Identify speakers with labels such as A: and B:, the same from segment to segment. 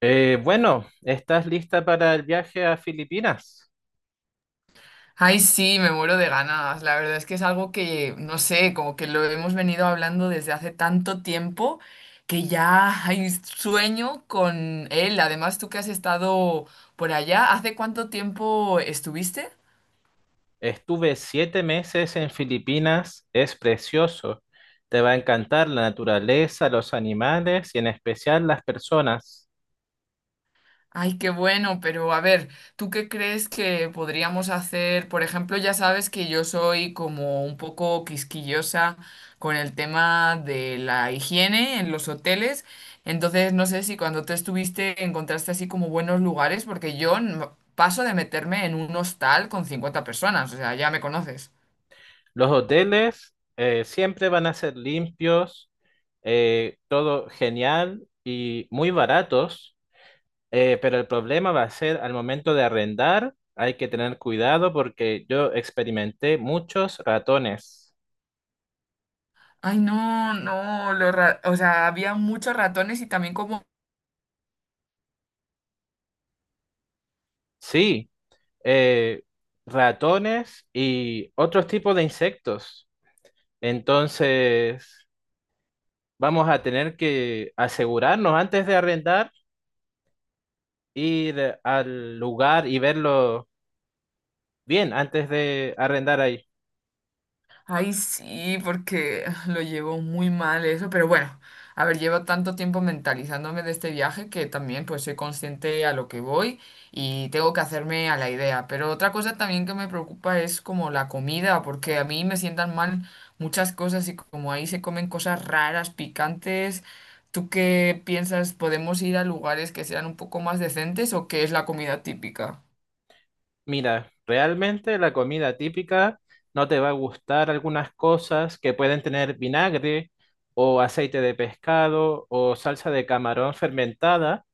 A: Bueno, ¿estás lista para el viaje a Filipinas?
B: Ay, sí, me muero de ganas. La verdad es que es algo que, no sé, como que lo hemos venido hablando desde hace tanto tiempo que ya hay sueño con él. Además, tú que has estado por allá, ¿hace cuánto tiempo estuviste?
A: Estuve 7 meses en Filipinas, es precioso. Te va a encantar la naturaleza, los animales y en especial las personas.
B: Ay, qué bueno, pero a ver, ¿tú qué crees que podríamos hacer? Por ejemplo, ya sabes que yo soy como un poco quisquillosa con el tema de la higiene en los hoteles, entonces no sé si cuando tú estuviste encontraste así como buenos lugares, porque yo no- paso de meterme en un hostal con 50 personas, o sea, ya me conoces.
A: Los hoteles siempre van a ser limpios, todo genial y muy baratos, pero el problema va a ser al momento de arrendar, hay que tener cuidado porque yo experimenté muchos ratones.
B: Ay, no, no, o sea, había muchos ratones y también como...
A: Sí. eh, Ratones y otros tipos de insectos. Entonces, vamos a tener que asegurarnos antes de arrendar, ir al lugar y verlo bien antes de arrendar ahí.
B: Ay, sí, porque lo llevo muy mal eso, pero bueno, a ver, llevo tanto tiempo mentalizándome de este viaje que también pues soy consciente a lo que voy y tengo que hacerme a la idea. Pero otra cosa también que me preocupa es como la comida, porque a mí me sientan mal muchas cosas y como ahí se comen cosas raras, picantes. ¿Tú qué piensas? ¿Podemos ir a lugares que sean un poco más decentes o qué es la comida típica?
A: Mira, realmente la comida típica no te va a gustar. Algunas cosas que pueden tener vinagre o aceite de pescado o salsa de camarón fermentada,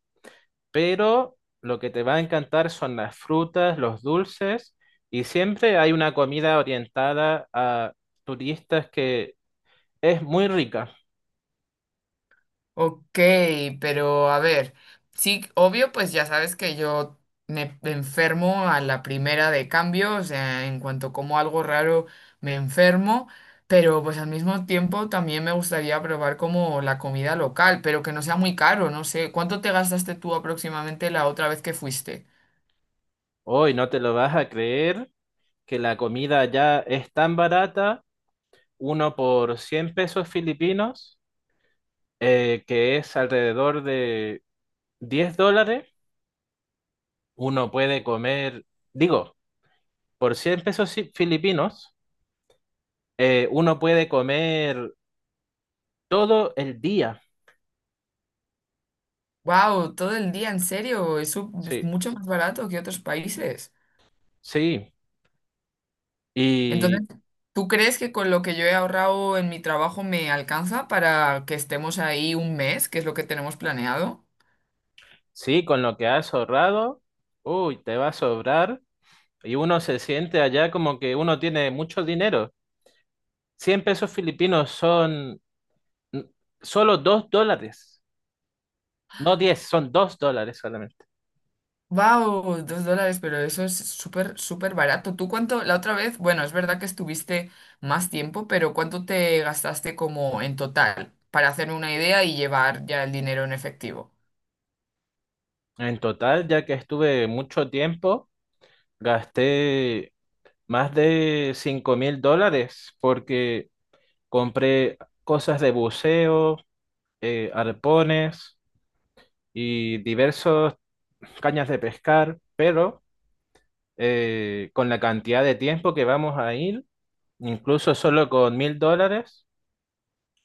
A: pero lo que te va a encantar son las frutas, los dulces, y siempre hay una comida orientada a turistas que es muy rica.
B: Ok, pero a ver, sí, obvio, pues ya sabes que yo me enfermo a la primera de cambio, o sea, en cuanto como algo raro me enfermo, pero pues al mismo tiempo también me gustaría probar como la comida local, pero que no sea muy caro, no sé, ¿cuánto te gastaste tú aproximadamente la otra vez que fuiste?
A: Hoy no te lo vas a creer que la comida ya es tan barata, uno por 100 pesos filipinos, que es alrededor de $10, uno puede comer, digo, por 100 pesos filipinos, uno puede comer todo el día.
B: Wow, todo el día, en serio, eso es
A: Sí,
B: mucho más barato que otros países.
A: sí.
B: Entonces,
A: Y
B: ¿tú crees que con lo que yo he ahorrado en mi trabajo me alcanza para que estemos ahí un mes, que es lo que tenemos planeado?
A: sí, con lo que has ahorrado, uy, te va a sobrar. Y uno se siente allá como que uno tiene mucho dinero. 100 pesos filipinos son mm, solo $2, no 10, son $2 solamente.
B: ¡Wow! 2 dólares, pero eso es súper, súper barato. ¿Tú cuánto? La otra vez, bueno, es verdad que estuviste más tiempo, pero ¿cuánto te gastaste como en total para hacerme una idea y llevar ya el dinero en efectivo?
A: En total, ya que estuve mucho tiempo, gasté más de $5,000 porque compré cosas de buceo, arpones y diversos cañas de pescar, pero con la cantidad de tiempo que vamos a ir, incluso solo con $1,000,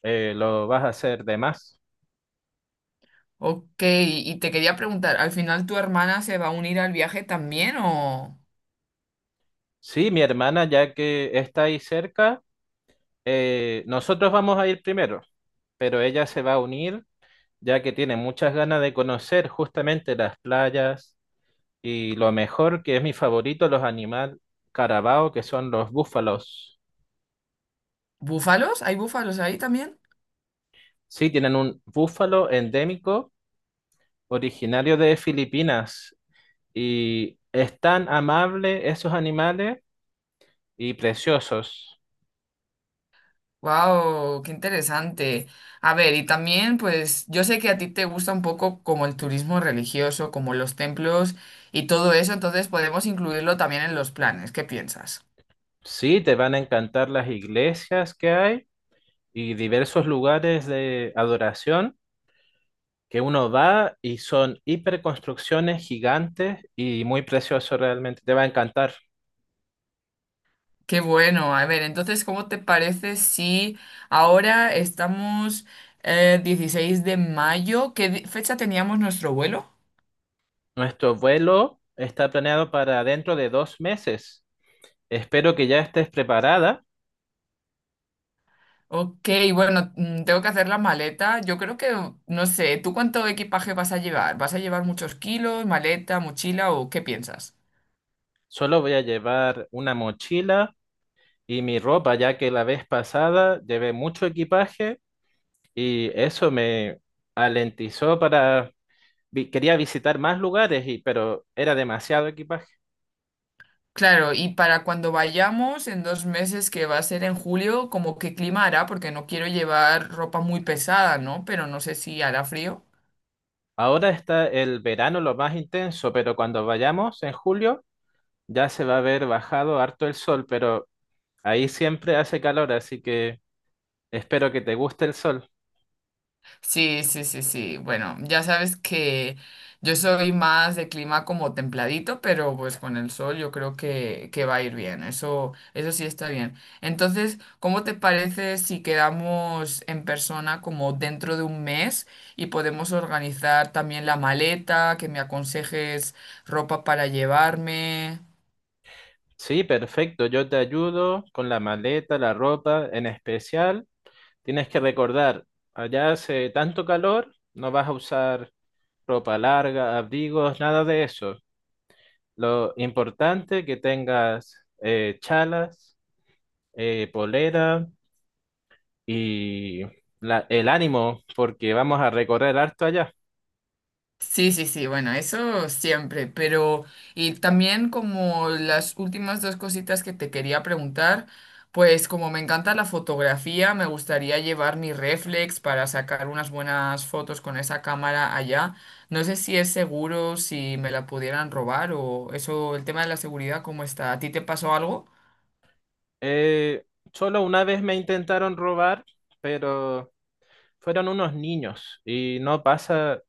A: lo vas a hacer de más.
B: Ok, y te quería preguntar, ¿al final tu hermana se va a unir al viaje también o...?
A: Sí, mi hermana, ya que está ahí cerca, nosotros vamos a ir primero, pero ella se va a unir, ya que tiene muchas ganas de conocer justamente las playas y lo mejor, que es mi favorito, los animales carabao, que son los búfalos.
B: ¿Búfalos? ¿Hay búfalos ahí también?
A: Sí, tienen un búfalo endémico originario de Filipinas. Y es tan amable esos animales y preciosos.
B: Wow, qué interesante. A ver, y también, pues, yo sé que a ti te gusta un poco como el turismo religioso, como los templos y todo eso, entonces podemos incluirlo también en los planes. ¿Qué piensas?
A: Sí, te van a encantar las iglesias que hay y diversos lugares de adoración, que uno va y son hiperconstrucciones gigantes y muy preciosos realmente. Te va a encantar.
B: Qué bueno. A ver, entonces, ¿cómo te parece si ahora estamos 16 de mayo? ¿Qué fecha teníamos nuestro vuelo?
A: Nuestro vuelo está planeado para dentro de 2 meses. Espero que ya estés preparada.
B: Ok, bueno, tengo que hacer la maleta. Yo creo que, no sé, ¿tú cuánto equipaje vas a llevar? ¿Vas a llevar muchos kilos, maleta, mochila o qué piensas?
A: Solo voy a llevar una mochila y mi ropa, ya que la vez pasada llevé mucho equipaje. Y eso me alentizó para, quería visitar más lugares, y, pero era demasiado equipaje.
B: Claro, y para cuando vayamos en 2 meses, que va a ser en julio, como qué clima hará, porque no quiero llevar ropa muy pesada, ¿no? Pero no sé si hará frío.
A: Ahora está el verano lo más intenso, pero cuando vayamos en julio ya se va a haber bajado harto el sol, pero ahí siempre hace calor, así que espero que te guste el sol.
B: Sí, sí, sí, sí. Bueno, ya sabes que yo soy más de clima como templadito, pero pues con el sol yo creo que va a ir bien. Eso sí está bien. Entonces, ¿cómo te parece si quedamos en persona como dentro de un mes y podemos organizar también la maleta, que me aconsejes ropa para llevarme?
A: Sí, perfecto, yo te ayudo con la maleta, la ropa, en especial. Tienes que recordar, allá hace tanto calor, no vas a usar ropa larga, abrigos, nada de eso. Lo importante que tengas chalas, polera y el ánimo, porque vamos a recorrer harto allá.
B: Sí, sí, sí, bueno, eso siempre, pero y también como las últimas dos cositas que te quería preguntar, pues como me encanta la fotografía, me gustaría llevar mi réflex para sacar unas buenas fotos con esa cámara allá. No sé si es seguro, si me la pudieran robar o eso, el tema de la seguridad, ¿cómo está? ¿A ti te pasó algo?
A: Eh, Solo una vez me intentaron robar, pero fueron unos niños y no pasa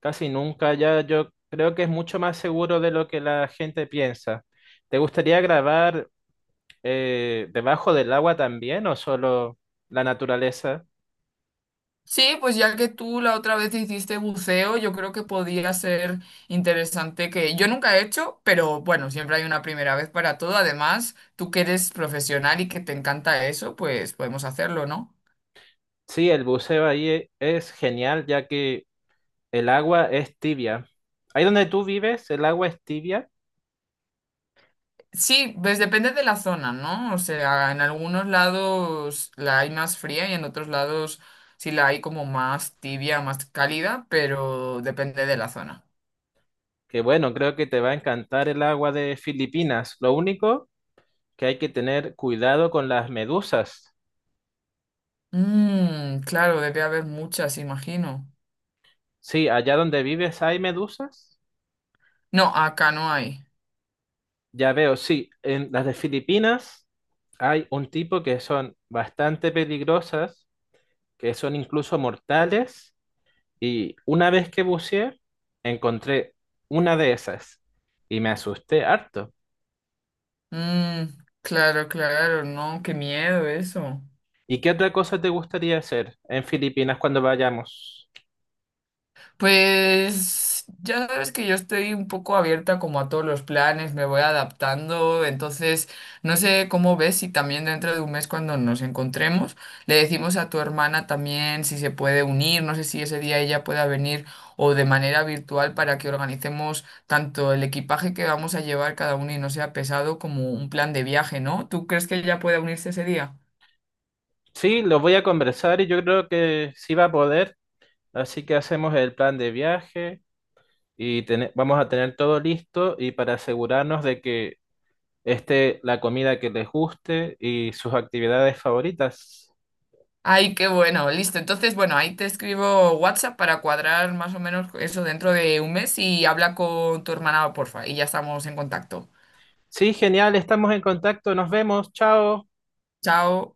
A: casi nunca allá. Yo creo que es mucho más seguro de lo que la gente piensa. ¿Te gustaría grabar debajo del agua también o solo la naturaleza?
B: Sí, pues ya que tú la otra vez hiciste buceo, yo creo que podría ser interesante que yo nunca he hecho, pero bueno, siempre hay una primera vez para todo. Además, tú que eres profesional y que te encanta eso, pues podemos hacerlo, ¿no?
A: Sí, el buceo ahí es genial ya que el agua es tibia. Ahí donde tú vives, el agua es tibia,
B: Sí, pues depende de la zona, ¿no? O sea, en algunos lados la hay más fría y en otros lados sí la hay como más tibia, más cálida, pero depende de la zona.
A: que bueno, creo que te va a encantar el agua de Filipinas. Lo único que hay que tener cuidado con las medusas.
B: Mm, claro, debe haber muchas, imagino.
A: Sí, allá donde vives hay medusas.
B: No, acá no hay.
A: Ya veo, sí, en las de Filipinas hay un tipo que son bastante peligrosas, que son incluso mortales. Y una vez que buceé, encontré una de esas y me asusté harto.
B: Mm, claro, claro, no, qué miedo eso.
A: ¿Y qué otra cosa te gustaría hacer en Filipinas cuando vayamos?
B: Pues ya sabes que yo estoy un poco abierta como a todos los planes, me voy adaptando, entonces no sé cómo ves si también dentro de un mes cuando nos encontremos le decimos a tu hermana también si se puede unir, no sé si ese día ella pueda venir o de manera virtual para que organicemos tanto el equipaje que vamos a llevar cada uno y no sea pesado como un plan de viaje, ¿no? ¿Tú crees que ella pueda unirse ese día?
A: Sí, lo voy a conversar y yo creo que sí va a poder, así que hacemos el plan de viaje y vamos a tener todo listo y para asegurarnos de que esté la comida que les guste y sus actividades favoritas.
B: Ay, qué bueno, listo. Entonces, bueno, ahí te escribo WhatsApp para cuadrar más o menos eso dentro de un mes y habla con tu hermana, porfa, y ya estamos en contacto.
A: Sí, genial, estamos en contacto, nos vemos, chao.
B: Chao.